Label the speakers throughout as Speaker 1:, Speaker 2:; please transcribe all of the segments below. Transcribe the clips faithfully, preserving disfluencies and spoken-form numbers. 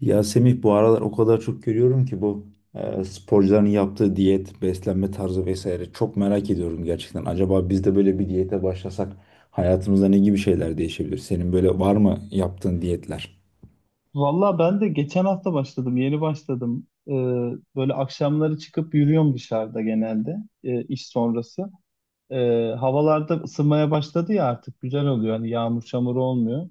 Speaker 1: Ya Semih bu aralar o kadar çok görüyorum ki bu e, sporcuların yaptığı diyet, beslenme tarzı vesaire çok merak ediyorum gerçekten. Acaba biz de böyle bir diyete başlasak hayatımızda ne gibi şeyler değişebilir? Senin böyle var mı yaptığın diyetler?
Speaker 2: Valla ben de geçen hafta başladım, yeni başladım. Ee, böyle akşamları çıkıp yürüyorum dışarıda genelde e, iş sonrası. Ee, havalarda ısınmaya başladı ya, artık güzel oluyor. Hani yağmur çamur olmuyor.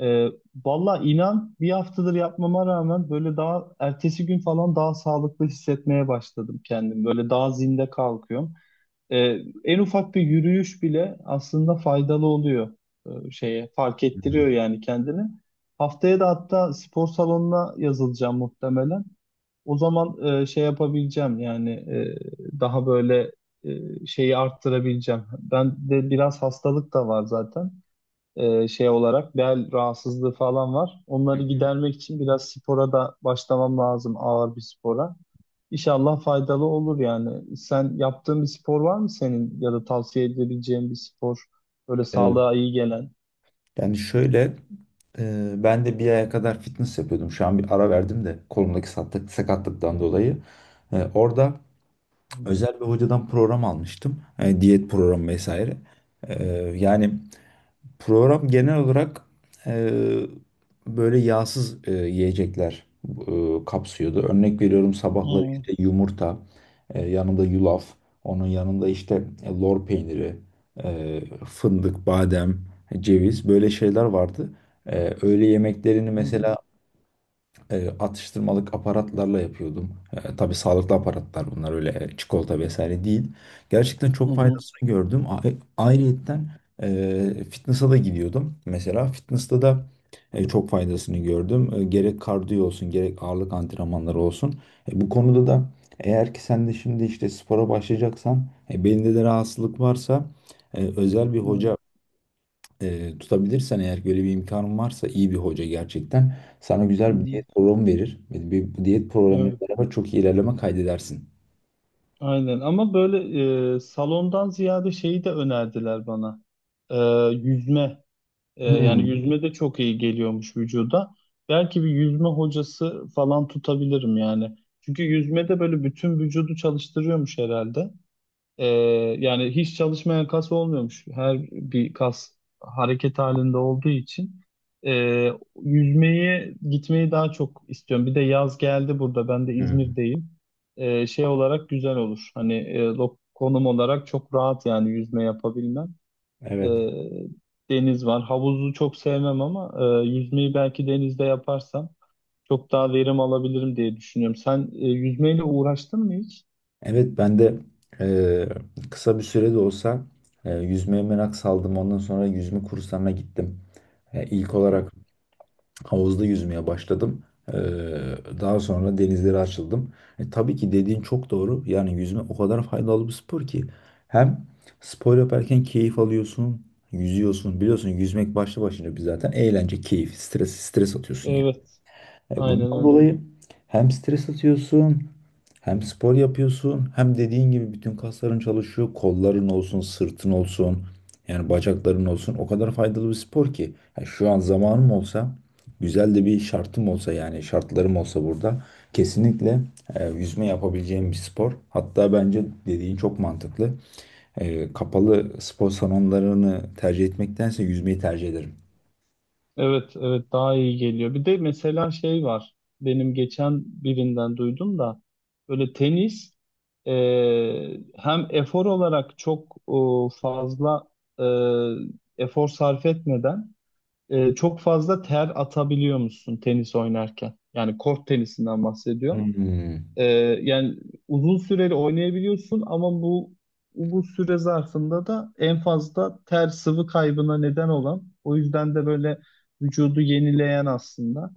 Speaker 2: Ee, Valla inan bir haftadır yapmama rağmen böyle daha ertesi gün falan daha sağlıklı hissetmeye başladım kendim. Böyle daha zinde kalkıyorum. Ee, en ufak bir yürüyüş bile aslında faydalı oluyor, e, şeye fark
Speaker 1: Hı
Speaker 2: ettiriyor
Speaker 1: hı.
Speaker 2: yani kendini. Haftaya da hatta spor salonuna yazılacağım muhtemelen. O zaman e, şey yapabileceğim yani, e, daha böyle e, şeyi arttırabileceğim. Ben de biraz hastalık da var zaten, e, şey olarak bel rahatsızlığı falan var. Onları gidermek için biraz spora da başlamam lazım, ağır bir spora. İnşallah faydalı olur yani. Sen yaptığın bir spor var mı senin ya da tavsiye edebileceğin bir spor böyle
Speaker 1: E,
Speaker 2: sağlığa iyi gelen?
Speaker 1: Yani şöyle, e, ben de bir aya kadar fitness yapıyordum. Şu an bir ara verdim de kolumdaki sakatlık, sakatlıktan dolayı. E, orada
Speaker 2: Hı
Speaker 1: özel bir hocadan program almıştım. E, diyet programı vesaire. E, Yani program genel olarak e, böyle yağsız e, yiyecekler e, kapsıyordu. Örnek veriyorum, sabahları
Speaker 2: hı,
Speaker 1: işte yumurta, e, yanında yulaf, onun yanında işte e, lor peyniri, e, fındık, badem, ceviz, böyle şeyler vardı. E, öğle yemeklerini
Speaker 2: hı hı.
Speaker 1: mesela e, atıştırmalık aparatlarla yapıyordum. E, tabii sağlıklı aparatlar bunlar, öyle e, çikolata vesaire değil. Gerçekten
Speaker 2: Hı,
Speaker 1: çok
Speaker 2: hı,
Speaker 1: faydasını gördüm. A- e, Ayrıyetten e, fitness'a da gidiyordum. Mesela fitness'ta da e, çok faydasını gördüm. E, gerek kardiyo olsun, gerek ağırlık antrenmanları olsun. E, bu konuda da, eğer ki sen de şimdi işte spora başlayacaksan, e, belinde de rahatsızlık varsa, e, özel bir
Speaker 2: evet.
Speaker 1: hoca e, tutabilirsen, eğer böyle bir imkanın varsa, iyi bir hoca gerçekten sana
Speaker 2: Hı
Speaker 1: güzel bir
Speaker 2: hı,
Speaker 1: diyet programı verir. Bir, bir- bu diyet programıyla
Speaker 2: evet.
Speaker 1: beraber çok iyi ilerleme kaydedersin.
Speaker 2: Aynen, ama böyle, e, salondan ziyade şeyi de önerdiler bana. E, Yüzme. E, yani
Speaker 1: Hmm.
Speaker 2: yüzme de çok iyi geliyormuş vücuda. Belki bir yüzme hocası falan tutabilirim yani. Çünkü yüzme de böyle bütün vücudu çalıştırıyormuş herhalde. Ee, Yani hiç çalışmayan kas olmuyormuş. Her bir kas hareket halinde olduğu için. Ee, Yüzmeyi, gitmeyi daha çok istiyorum. Bir de yaz geldi burada. Ben de
Speaker 1: Hmm.
Speaker 2: İzmir'deyim. Ee, şey olarak güzel olur. Hani, e, lo- konum olarak çok rahat yani yüzme yapabilmem. Ee,
Speaker 1: Evet.
Speaker 2: Deniz var. Havuzu çok sevmem ama e, yüzmeyi belki denizde yaparsam çok daha verim alabilirim diye düşünüyorum. Sen, e, yüzmeyle uğraştın mı hiç?
Speaker 1: Evet, ben de e, kısa bir sürede olsa e, yüzmeye merak saldım. Ondan sonra yüzme kurslarına gittim. E, ilk olarak havuzda yüzmeye başladım. Ee, Daha sonra denizlere açıldım. E, tabii ki dediğin çok doğru. Yani yüzme o kadar faydalı bir spor ki. Hem spor yaparken keyif alıyorsun, yüzüyorsun. Biliyorsun, yüzmek başlı başına bir zaten eğlence, keyif, stres, stres atıyorsun yani.
Speaker 2: Evet,
Speaker 1: E,
Speaker 2: aynen
Speaker 1: Bundan
Speaker 2: öyle.
Speaker 1: dolayı hem stres atıyorsun, hem spor yapıyorsun, hem dediğin gibi bütün kasların çalışıyor, kolların olsun, sırtın olsun, yani bacakların olsun. O kadar faydalı bir spor ki. Ha, şu an zamanım olsa, güzel de bir şartım olsa, yani şartlarım olsa burada, kesinlikle e, yüzme yapabileceğim bir spor. Hatta bence dediğin çok mantıklı. E, kapalı spor salonlarını tercih etmektense yüzmeyi tercih ederim.
Speaker 2: Evet, evet, daha iyi geliyor. Bir de mesela şey var. Benim geçen birinden duydum da, böyle tenis, e, hem efor olarak çok, e, fazla e, efor sarf etmeden, e, çok fazla ter atabiliyor musun tenis oynarken? Yani kort tenisinden bahsediyorum.
Speaker 1: Hmm.
Speaker 2: Ee, Yani uzun süreli oynayabiliyorsun, ama bu bu süre zarfında da en fazla ter sıvı kaybına neden olan, o yüzden de böyle vücudu yenileyen aslında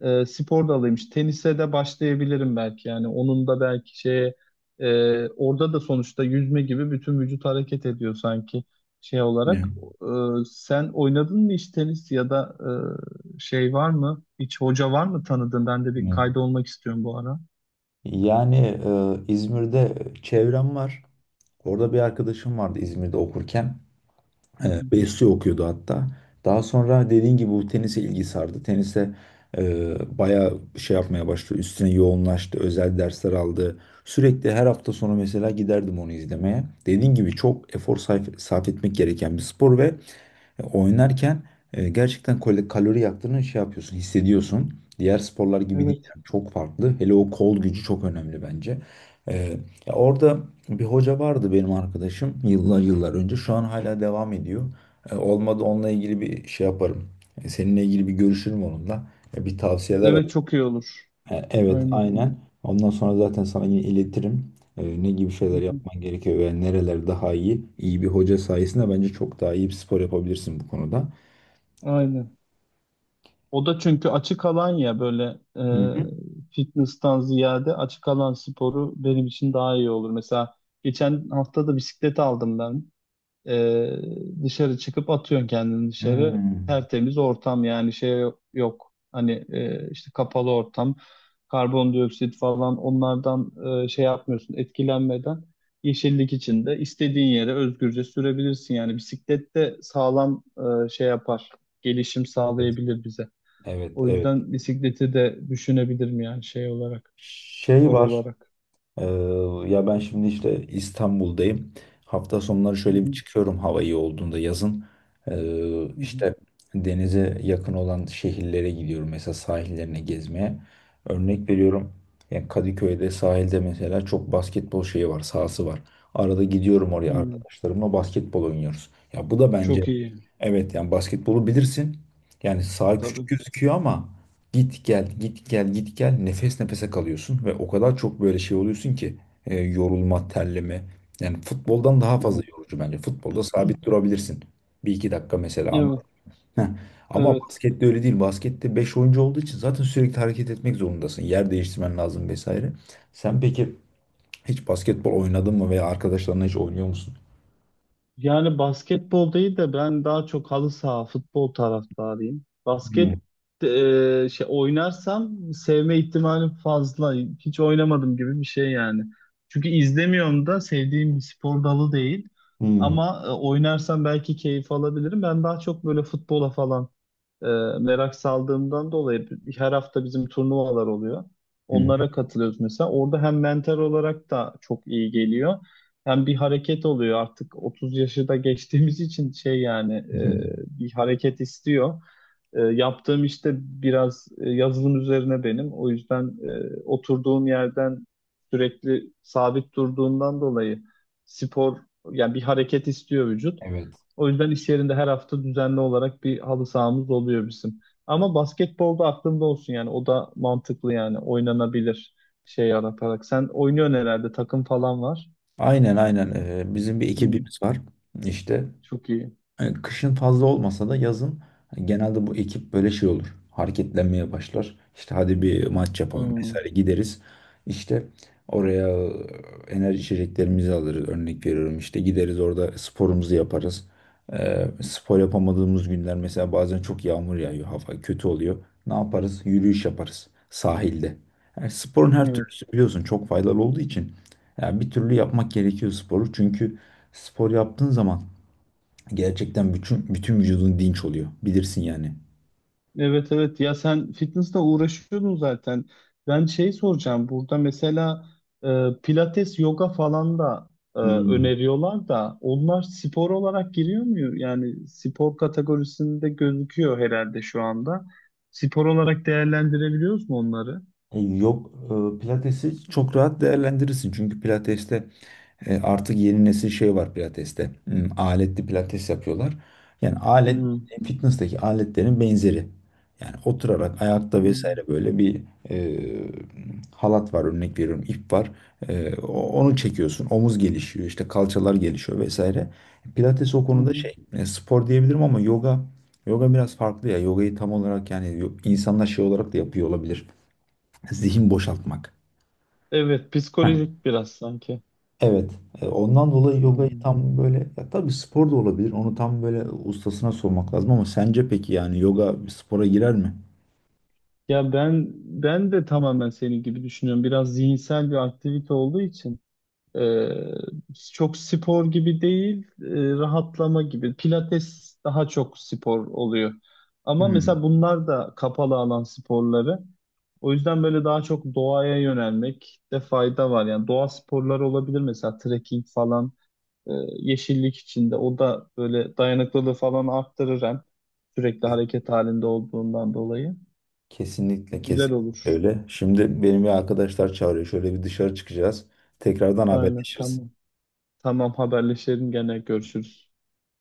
Speaker 2: e, spor dalıymış. Tenise de başlayabilirim belki, yani onun da belki şeye, e, orada da sonuçta yüzme gibi bütün vücut hareket ediyor sanki şey olarak. E, Sen oynadın mı hiç tenis, ya da e, şey var mı? Hiç hoca var mı tanıdığın? Ben de bir
Speaker 1: Hmm.
Speaker 2: kaydolmak istiyorum bu ara.
Speaker 1: Yani, e, İzmir'de çevrem var. Orada bir arkadaşım vardı İzmir'de okurken. E, Besyo okuyordu hatta. Daha sonra dediğin gibi bu tenise ilgi sardı. Tenise e, bayağı şey yapmaya başladı. Üstüne yoğunlaştı. Özel dersler aldı. Sürekli her hafta sonu mesela giderdim onu izlemeye. Dediğin gibi çok efor sarf, sarf etmek gereken bir spor ve e, oynarken e, gerçekten kal- kalori yaktığını şey yapıyorsun, hissediyorsun. Diğer sporlar gibi değil
Speaker 2: Evet.
Speaker 1: yani, çok farklı. Hele o kol gücü çok önemli bence. E, Ya, orada bir hoca vardı, benim arkadaşım, yıllar yıllar önce. Şu an hala devam ediyor. E, olmadı onunla ilgili bir şey yaparım. E, seninle ilgili bir görüşürüm onunla. E, bir tavsiyeler alırım.
Speaker 2: Evet, çok iyi olur.
Speaker 1: E, evet,
Speaker 2: Aynen.
Speaker 1: aynen. Ondan sonra zaten sana yine iletirim. E, ne gibi
Speaker 2: Hı
Speaker 1: şeyler
Speaker 2: hı.
Speaker 1: yapman gerekiyor ve nereler daha iyi. İyi bir hoca sayesinde bence çok daha iyi bir spor yapabilirsin bu konuda.
Speaker 2: Aynen. O da çünkü açık alan ya, böyle,
Speaker 1: Hı hı.
Speaker 2: e, fitness'tan ziyade açık alan sporu benim için daha iyi olur. Mesela geçen hafta da bisiklet aldım ben. Ee, Dışarı çıkıp atıyorsun kendini dışarı.
Speaker 1: Hmm.
Speaker 2: Tertemiz ortam, yani şey yok. Hani, e, işte kapalı ortam, karbondioksit falan onlardan, e, şey yapmıyorsun, etkilenmeden. Yeşillik içinde istediğin yere özgürce sürebilirsin. Yani bisiklet de sağlam, e, şey yapar. Gelişim
Speaker 1: Evet.
Speaker 2: sağlayabilir bize.
Speaker 1: Evet,
Speaker 2: O
Speaker 1: evet.
Speaker 2: yüzden bisikleti de düşünebilirim yani şey olarak,
Speaker 1: Şey
Speaker 2: spor
Speaker 1: var.
Speaker 2: olarak.
Speaker 1: e, Ya, ben şimdi işte İstanbul'dayım. Hafta sonları
Speaker 2: Hı
Speaker 1: şöyle bir
Speaker 2: hı,
Speaker 1: çıkıyorum hava iyi olduğunda, yazın. E,
Speaker 2: hı hı,
Speaker 1: işte denize yakın olan şehirlere gidiyorum. Mesela sahillerine, gezmeye. Örnek veriyorum. Yani Kadıköy'de sahilde mesela çok basketbol şeyi var, sahası var. Arada gidiyorum oraya,
Speaker 2: hı.
Speaker 1: arkadaşlarımla basketbol oynuyoruz. Ya bu da bence,
Speaker 2: Çok iyi,
Speaker 1: evet, yani basketbolu bilirsin. Yani saha küçük
Speaker 2: tabii.
Speaker 1: gözüküyor ama git gel, git gel, git gel. Nefes nefese kalıyorsun ve o kadar çok böyle şey oluyorsun ki e, yorulma, terleme. Yani futboldan daha fazla
Speaker 2: Evet,
Speaker 1: yorucu bence. Futbolda sabit durabilirsin. Bir iki dakika mesela, anladın
Speaker 2: evet.
Speaker 1: mı? Heh. Ama
Speaker 2: Evet.
Speaker 1: baskette öyle değil. Baskette beş oyuncu olduğu için zaten sürekli hareket etmek zorundasın. Yer değiştirmen lazım vesaire. Sen peki hiç basketbol oynadın mı, veya arkadaşlarınla hiç oynuyor musun?
Speaker 2: Yani basketbol değil de, ben daha çok halı saha, futbol taraftarıyım. Basket,
Speaker 1: Hmm.
Speaker 2: e, şey oynarsam sevme ihtimalim fazla. Hiç oynamadım gibi bir şey yani. Çünkü izlemiyorum da, sevdiğim bir spor dalı değil.
Speaker 1: Hmm.
Speaker 2: Ama, e, oynarsam belki keyif alabilirim. Ben daha çok böyle futbola falan, e, merak saldığımdan dolayı her hafta bizim turnuvalar oluyor.
Speaker 1: Hmm.
Speaker 2: Onlara katılıyoruz mesela. Orada hem mental olarak da çok iyi geliyor. Hem bir hareket oluyor artık, otuz yaşı da geçtiğimiz için şey yani, e,
Speaker 1: Hmm.
Speaker 2: bir hareket istiyor. E, yaptığım işte biraz, e, yazılım üzerine benim. O yüzden, e, oturduğum yerden sürekli sabit durduğundan dolayı spor, yani bir hareket istiyor vücut.
Speaker 1: Evet.
Speaker 2: O yüzden iş yerinde her hafta düzenli olarak bir halı sahamız oluyor bizim. Ama basketbolda aklımda olsun yani, o da mantıklı, yani oynanabilir şey yaratarak. Sen oynuyorsun herhalde, takım falan var.
Speaker 1: Aynen aynen. Ee, bizim bir
Speaker 2: Hı.
Speaker 1: ekibimiz var. İşte
Speaker 2: Çok iyi.
Speaker 1: e, kışın fazla olmasa da yazın hani genelde bu ekip böyle şey olur. Hareketlenmeye başlar. İşte hadi bir maç yapalım vesaire,
Speaker 2: Hmm,
Speaker 1: gideriz. İşte oraya e, enerji içeceklerimizi alırız. Örnek veriyorum, işte gideriz, orada sporumuzu yaparız. E, spor yapamadığımız günler, mesela bazen çok yağmur yağıyor. Hava kötü oluyor. Ne yaparız? Yürüyüş yaparız sahilde. Yani sporun her
Speaker 2: evet.
Speaker 1: türlüsü, biliyorsun, çok faydalı olduğu için. Yani bir türlü yapmak gerekiyor sporu. Çünkü spor yaptığın zaman gerçekten bütün bütün vücudun dinç oluyor. Bilirsin yani.
Speaker 2: Evet, evet, ya sen fitnessle uğraşıyordun zaten. Ben şey soracağım burada mesela, e, pilates, yoga falan da e,
Speaker 1: Hmm.
Speaker 2: öneriyorlar da, onlar spor olarak giriyor mu? Yani spor kategorisinde gözüküyor herhalde şu anda. Spor olarak değerlendirebiliyoruz mu onları?
Speaker 1: E, Yok, e, pilatesi çok rahat değerlendirirsin. Çünkü pilateste... E, artık yeni nesil şey var pilateste. Hmm, aletli pilates yapıyorlar. Yani alet,
Speaker 2: Hmm,
Speaker 1: fitness'taki aletlerin benzeri. Yani oturarak, ayakta
Speaker 2: hmm,
Speaker 1: vesaire, böyle bir e, halat var, örnek veriyorum, ip var. E, o- onu çekiyorsun. Omuz gelişiyor, işte kalçalar gelişiyor vesaire. Pilates o
Speaker 2: hı
Speaker 1: konuda
Speaker 2: hı.
Speaker 1: şey, e, spor diyebilirim ama yoga yoga biraz farklı ya. Yogayı tam olarak, yani, yo- insanlar şey olarak da yapıyor olabilir. Zihin boşaltmak.
Speaker 2: Evet, psikolojik biraz sanki.
Speaker 1: Evet. e, Ondan dolayı yogayı
Speaker 2: Aynen.
Speaker 1: tam böyle, ya tabii spor da olabilir. Onu tam böyle ustasına sormak lazım, ama sence peki, yani, yoga bir spora girer mi?
Speaker 2: Ya ben ben de tamamen senin gibi düşünüyorum. Biraz zihinsel bir aktivite olduğu için. Ee, Çok spor gibi değil, e, rahatlama gibi. Pilates daha çok spor oluyor. Ama
Speaker 1: Hmm.
Speaker 2: mesela bunlar da kapalı alan sporları. O yüzden böyle daha çok doğaya yönelmek de fayda var. Yani doğa sporları olabilir mesela, trekking falan, e, yeşillik içinde. O da böyle dayanıklılığı falan arttırır, hem sürekli hareket halinde olduğundan dolayı.
Speaker 1: Kesinlikle
Speaker 2: Güzel
Speaker 1: kesinlikle
Speaker 2: olur.
Speaker 1: öyle. Şimdi benim bir arkadaşlar çağırıyor. Şöyle bir dışarı çıkacağız. Tekrardan
Speaker 2: Aynen,
Speaker 1: haberleşiriz.
Speaker 2: tamam. Tamam, haberleşelim, gene görüşürüz.